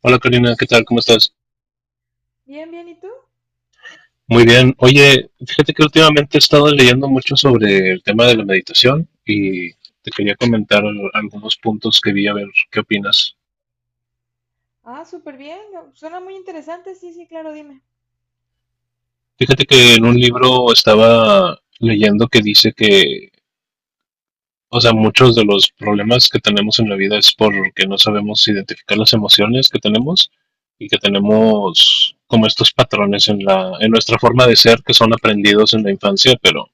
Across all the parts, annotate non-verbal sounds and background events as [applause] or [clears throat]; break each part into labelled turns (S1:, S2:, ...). S1: Hola Karina, ¿qué tal? ¿Cómo estás?
S2: Bien, bien, ¿y tú?
S1: Muy bien. Oye, fíjate que últimamente he estado leyendo mucho sobre el tema de la meditación y te quería comentar algunos puntos que vi a ver qué opinas.
S2: Ah, súper bien. No, suena muy interesante, sí, sí, claro, dime.
S1: Fíjate que en un libro estaba leyendo que dice que muchos de los problemas que tenemos en la vida es porque no sabemos identificar las emociones que tenemos y que tenemos como estos patrones en nuestra forma de ser que son aprendidos en la infancia, pero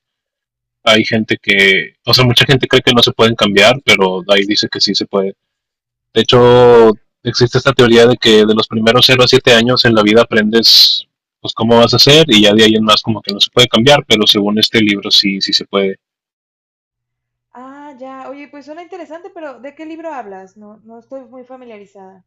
S1: hay gente que mucha gente cree que no se pueden cambiar, pero ahí dice que sí se puede. De hecho, existe esta teoría de que de los primeros cero a 7 años en la vida aprendes pues cómo vas a hacer y ya de ahí en más como que no se puede cambiar, pero según este libro sí, sí se puede.
S2: Ah, ya, oye, pues suena interesante, pero ¿de qué libro hablas? No, no estoy muy familiarizada.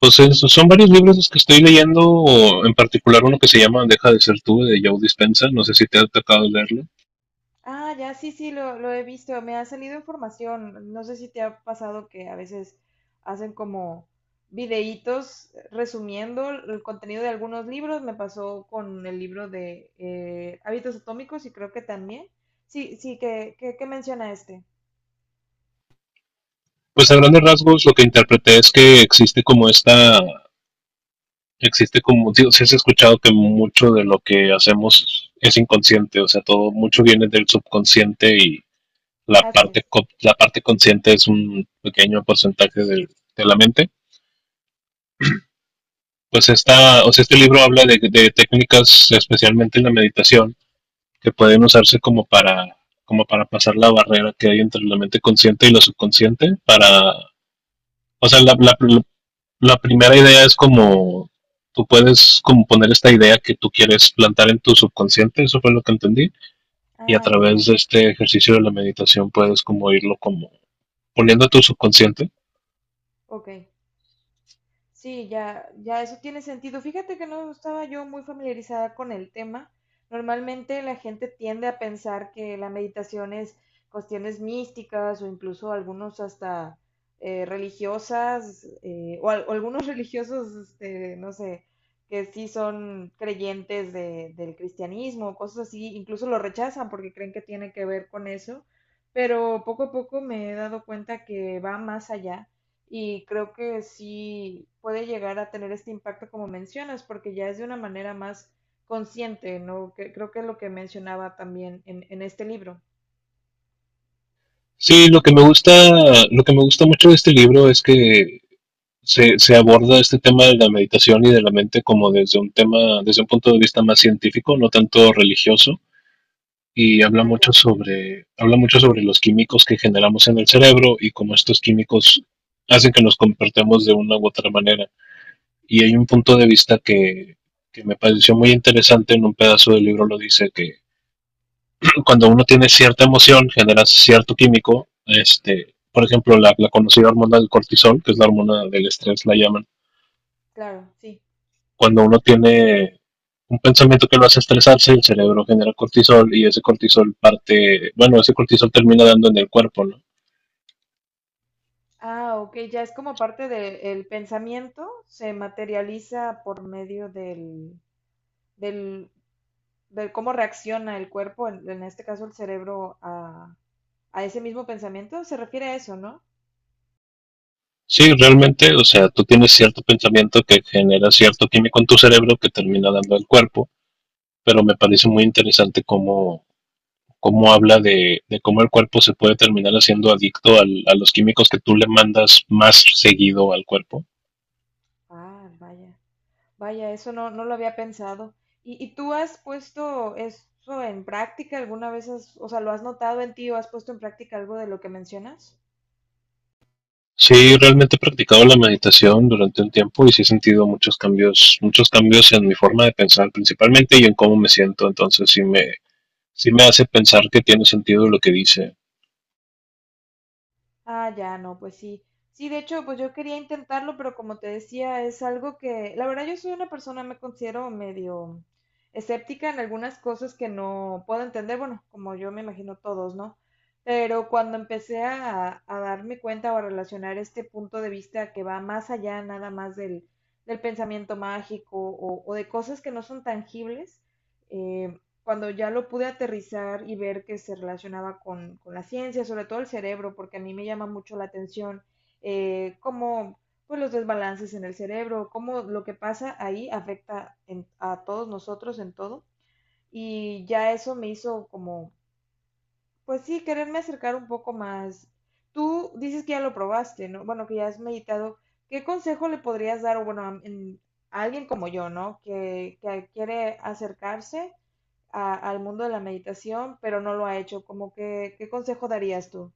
S1: Pues eso, son varios libros los que estoy leyendo, o en particular uno que se llama Deja de ser tú de Joe Dispenza. No sé si te ha tocado leerlo.
S2: Ah, ya, sí, sí, lo he visto, me ha salido información. No sé si te ha pasado que a veces hacen como videítos resumiendo el contenido de algunos libros. Me pasó con el libro de Hábitos Atómicos y creo que también. Sí, sí, que menciona este.
S1: Pues a grandes rasgos lo que interpreté es que existe como, digo, si has escuchado que mucho de lo que hacemos es inconsciente, o sea, todo, mucho
S2: Ujú.
S1: viene del subconsciente y la
S2: Así
S1: parte,
S2: es.
S1: la parte consciente es un pequeño porcentaje de la mente. Pues este libro habla de técnicas, especialmente en la meditación, que pueden usarse como para pasar la barrera que hay entre la mente consciente y lo subconsciente, para, o sea, la primera idea es como tú puedes como poner esta idea que tú quieres plantar en tu subconsciente, eso fue lo que entendí, y a
S2: Ah, ya,
S1: través
S2: ya.
S1: de este ejercicio de la meditación puedes como irlo como poniendo a tu subconsciente.
S2: Ok. Sí, ya, ya eso tiene sentido. Fíjate que no estaba yo muy familiarizada con el tema. Normalmente la gente tiende a pensar que la meditación es cuestiones místicas o incluso algunos hasta religiosas o, o algunos [laughs] religiosos, este, no sé, que sí son creyentes del cristianismo, o cosas así, incluso lo rechazan porque creen que tiene que ver con eso. Pero poco a poco me he dado cuenta que va más allá y creo que sí puede llegar a tener este impacto como mencionas, porque ya es de una manera más consciente, ¿no? Que, creo que es lo que mencionaba también en este libro.
S1: Sí, lo que me gusta, lo que me gusta mucho de este libro es que aborda este tema de la meditación y de la mente como desde un tema, desde un punto de vista más científico, no tanto religioso, y
S2: Ah, ya, ya.
S1: habla mucho sobre los químicos que generamos en el cerebro y cómo estos químicos hacen que nos comportemos de una u otra manera. Y hay un punto de vista que me pareció muy interesante en un pedazo del libro, lo dice que [clears throat] cuando uno tiene cierta emoción, genera cierto químico, este, por ejemplo, la conocida hormona del cortisol, que es la hormona del estrés, la llaman,
S2: Claro, sí.
S1: cuando uno tiene un pensamiento que lo hace estresarse, el cerebro genera cortisol y ese cortisol parte, bueno, ese cortisol termina dando en el cuerpo, ¿no?
S2: Ah, ok, ya es como parte del pensamiento, se materializa por medio del, del cómo reacciona el cuerpo, en este caso el cerebro, a ese mismo pensamiento. Se refiere a eso, ¿no?
S1: Sí, realmente, o sea, tú tienes cierto pensamiento que genera cierto químico en tu cerebro que termina dando al cuerpo, pero me parece muy interesante cómo, cómo habla cómo el cuerpo se puede terminar haciendo adicto al, a los químicos que tú le mandas más seguido al cuerpo.
S2: Ah, vaya. Vaya, eso no, no lo había pensado. Y tú has puesto eso en práctica alguna vez? O sea, ¿lo has notado en ti o has puesto en práctica algo de lo que mencionas?
S1: Sí, realmente he practicado la meditación durante un tiempo y sí he sentido muchos cambios en mi forma de pensar principalmente y en cómo me siento, entonces sí me hace pensar que tiene sentido lo que dice.
S2: Ah, ya, no, pues sí. Sí, de hecho, pues yo quería intentarlo, pero como te decía, es algo que, la verdad, yo soy una persona, me considero medio escéptica en algunas cosas que no puedo entender, bueno, como yo me imagino todos, ¿no? Pero cuando empecé a darme cuenta o a relacionar este punto de vista que va más allá nada más del pensamiento mágico o de cosas que no son tangibles, eh, cuando ya lo pude aterrizar y ver que se relacionaba con la ciencia, sobre todo el cerebro, porque a mí me llama mucho la atención cómo pues, los desbalances en el cerebro, cómo lo que pasa ahí afecta a todos nosotros en todo. Y ya eso me hizo como, pues sí, quererme acercar un poco más. Tú dices que ya lo probaste, ¿no? Bueno, que ya has meditado. ¿Qué consejo le podrías dar, o bueno, a alguien como yo, ¿no? Que quiere acercarse al mundo de la meditación, pero no lo ha hecho. Como que, ¿qué consejo darías tú?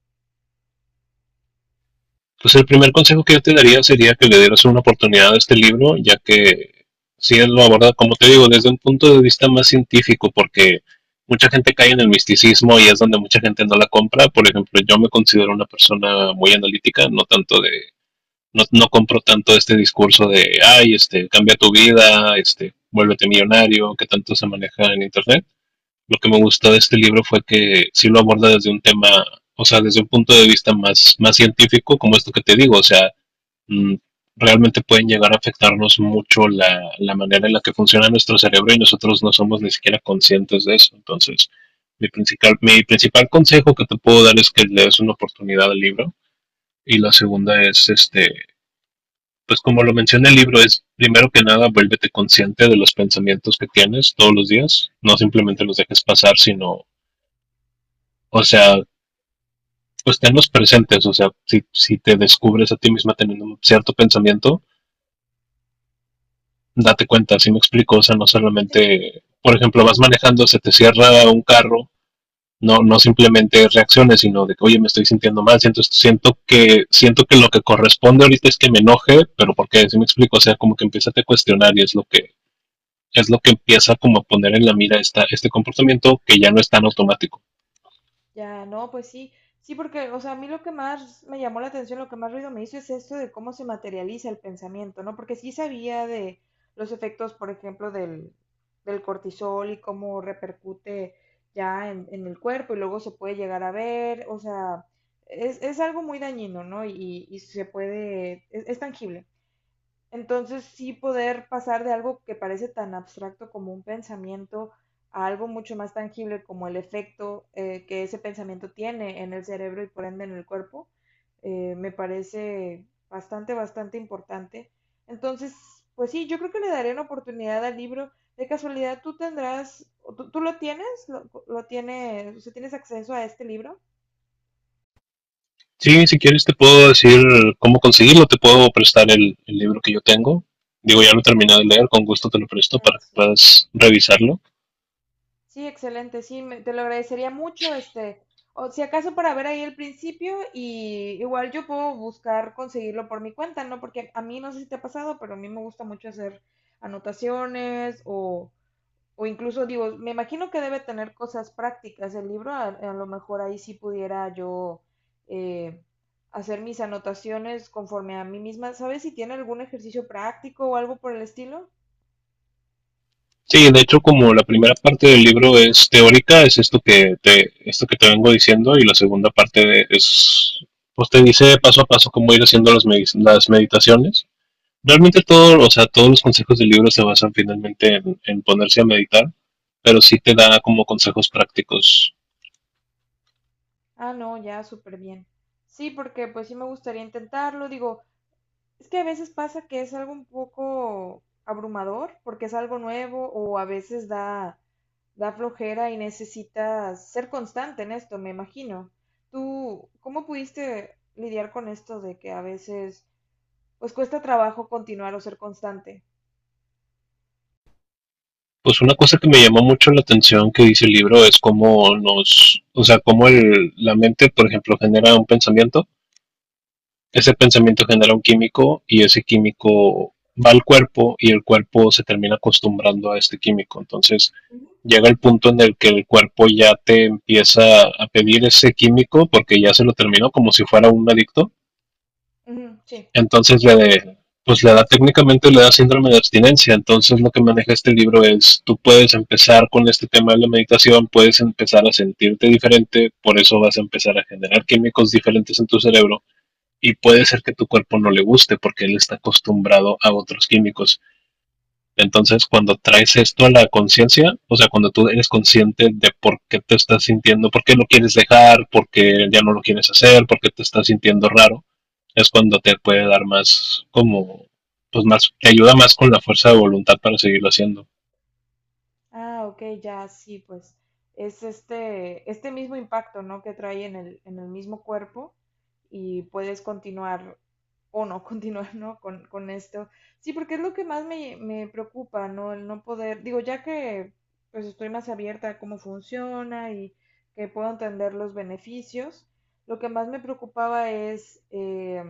S1: Pues el primer consejo que yo te daría sería que le dieras una oportunidad a este libro, ya que sí él lo aborda, como te digo, desde un punto de vista más científico, porque mucha gente cae en el misticismo y es donde mucha gente no la compra. Por ejemplo, yo me considero una persona muy analítica, no tanto de no compro tanto este discurso de, ay, este, cambia tu vida, este, vuélvete millonario, que tanto se maneja en Internet. Lo que me gustó de este libro fue que sí lo aborda desde un tema, o sea, desde un punto de vista más científico, como esto que te digo, o sea, mm, realmente pueden llegar a afectarnos mucho la manera en la que funciona nuestro cerebro y nosotros no somos ni siquiera conscientes de eso. Entonces, mi principal consejo que te puedo dar es que le des una oportunidad al libro y la segunda es este pues como lo menciona el libro, es primero que nada, vuélvete consciente de los pensamientos que tienes todos los días, no simplemente los dejes pasar, sino, o sea, pues tenlos presentes, o sea, si te descubres a ti misma teniendo un cierto pensamiento, date cuenta, si me explico, o sea, no
S2: Sí.
S1: solamente, por ejemplo, vas manejando, se te cierra un carro, no simplemente reacciones, sino de que, oye, me estoy sintiendo mal, siento que lo que corresponde ahorita es que me enoje, pero por qué si me explico, o sea, como que empiezas a cuestionar y es lo que empieza como a poner en la mira esta, este comportamiento que ya no es tan automático.
S2: Ya, no, pues sí, sí, porque, o sea, a mí lo que más me llamó la atención, lo que más ruido me hizo es esto de cómo se materializa el pensamiento, ¿no? Porque sí sabía de los efectos, por ejemplo, del cortisol y cómo repercute ya en el cuerpo y luego se puede llegar a ver, o sea, es algo muy dañino, ¿no? Y se puede, es tangible. Entonces sí poder pasar de algo que parece tan abstracto como un pensamiento a algo mucho más tangible como el efecto que ese pensamiento tiene en el cerebro y por ende en el cuerpo, me parece bastante, bastante importante. Entonces, pues sí, yo creo que le daré una oportunidad al libro. De casualidad, tú tendrás, tú lo tienes, lo tienes, o sea, tienes acceso a este libro?
S1: Sí, si quieres te puedo decir cómo conseguirlo, te puedo prestar el libro que yo tengo. Digo, ya lo he terminado de leer, con gusto te lo presto para que puedas revisarlo.
S2: Sí, excelente, sí, te lo agradecería mucho, este, o si acaso para ver ahí el principio y igual yo puedo buscar conseguirlo por mi cuenta, ¿no? Porque a mí no sé si te ha pasado, pero a mí me gusta mucho hacer anotaciones o incluso digo, me imagino que debe tener cosas prácticas el libro, a lo mejor ahí sí pudiera yo eh, hacer mis anotaciones conforme a mí misma, ¿sabes si tiene algún ejercicio práctico o algo por el estilo?
S1: Sí, de hecho, como la primera parte del libro es teórica, es esto que te vengo diciendo, y la segunda es, pues te dice paso a paso cómo ir haciendo las meditaciones. Realmente todo, o sea, todos los consejos del libro se basan finalmente en ponerse a meditar, pero sí te da como consejos prácticos.
S2: Ah, no, ya súper bien. Sí, porque pues sí me gustaría intentarlo. Digo, es que a veces pasa que es algo un poco abrumador porque es algo nuevo o a veces da flojera y necesitas ser constante en esto, me imagino. ¿Tú cómo pudiste lidiar con esto de que a veces pues cuesta trabajo continuar o ser constante?
S1: Pues una cosa que me llamó mucho la atención que dice el libro es cómo nos, o sea, cómo el, la mente, por ejemplo, genera un pensamiento, ese pensamiento genera un químico y ese químico va al cuerpo y el cuerpo se termina acostumbrando a este químico. Entonces
S2: Ujú.
S1: llega el punto en el que el cuerpo ya te empieza a pedir ese químico porque ya se lo terminó como si fuera un adicto.
S2: Ujú, sí.
S1: Entonces pues le da técnicamente le da síndrome de abstinencia. Entonces lo que maneja este libro es, tú puedes empezar con este tema de la meditación, puedes empezar a sentirte diferente, por eso vas a empezar a generar químicos diferentes en tu cerebro y puede ser que tu cuerpo no le guste porque él está acostumbrado a otros químicos. Entonces, cuando traes esto a la conciencia, o sea, cuando tú eres consciente de por qué te estás sintiendo, por qué lo quieres dejar, por qué ya no lo quieres hacer, por qué te estás sintiendo raro, es cuando te puede dar más, como, pues más, te ayuda más con la fuerza de voluntad para seguirlo haciendo.
S2: Ah, ok, ya, sí, pues es este, este mismo impacto, ¿no? Que trae en el mismo cuerpo y puedes continuar o no [laughs] continuar, ¿no? Con esto. Sí, porque es lo que más me preocupa, ¿no? El no poder, digo, ya que pues estoy más abierta a cómo funciona y que puedo entender los beneficios, lo que más me preocupaba es...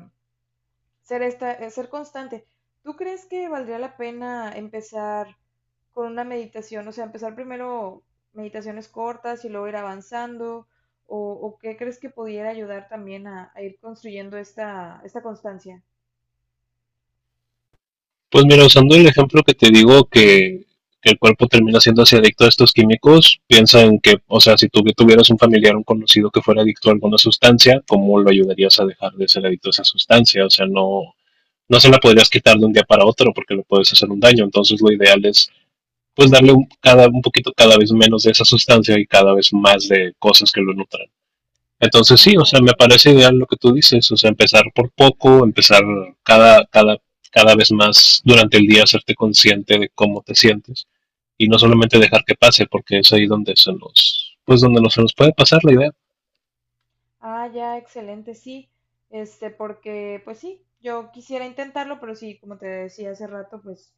S2: ser esta, ser constante. ¿Tú crees que valdría la pena empezar con una meditación? O sea, empezar primero meditaciones cortas y luego ir avanzando. O qué crees que pudiera ayudar también a ir construyendo esta, esta constancia?
S1: Pues mira, usando el ejemplo que te digo que el cuerpo termina siendo así adicto a estos químicos, piensa en que, o sea, si tú tuvieras un familiar, un conocido que fuera adicto a alguna sustancia, ¿cómo lo ayudarías a dejar de ser adicto a esa sustancia? O sea, no se la podrías quitar de un día para otro porque le puedes hacer un daño. Entonces lo ideal es pues darle
S2: Claro.
S1: un, cada, un poquito cada vez menos de esa sustancia y cada vez más de cosas que lo nutran. Entonces sí,
S2: Ah,
S1: o sea, me parece ideal lo que tú dices, o sea, empezar por poco, empezar cada, cada, cada vez más durante el día, hacerte consciente de cómo te sientes y no solamente dejar que pase, porque es ahí donde se nos, pues donde no se nos puede pasar la idea.
S2: ah, ya, excelente, sí. Este, porque, pues sí, yo quisiera intentarlo, pero sí, como te decía hace rato, pues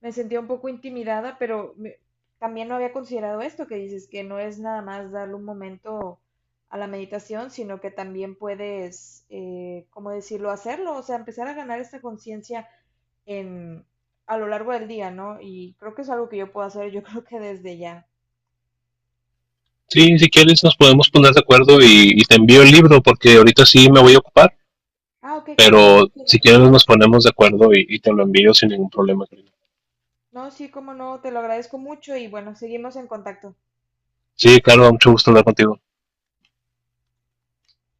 S2: me sentía un poco intimidada, pero también no había considerado esto que dices, que no es nada más darle un momento a la meditación, sino que también puedes, ¿cómo decirlo?, hacerlo, o sea, empezar a ganar esta conciencia en, a lo largo del día, ¿no? Y creo que es algo que yo puedo hacer, yo [laughs] creo que desde ya.
S1: Sí, si quieres nos podemos poner de acuerdo y te envío el libro porque ahorita sí me voy a ocupar.
S2: Ah, ok, claro.
S1: Pero
S2: Sí, no
S1: si
S2: te
S1: quieres nos
S2: preocupes.
S1: ponemos de acuerdo y te lo envío sin ningún problema. Karina.
S2: No, sí, cómo no, te lo agradezco mucho y bueno, seguimos en contacto.
S1: Sí, claro, mucho gusto hablar contigo.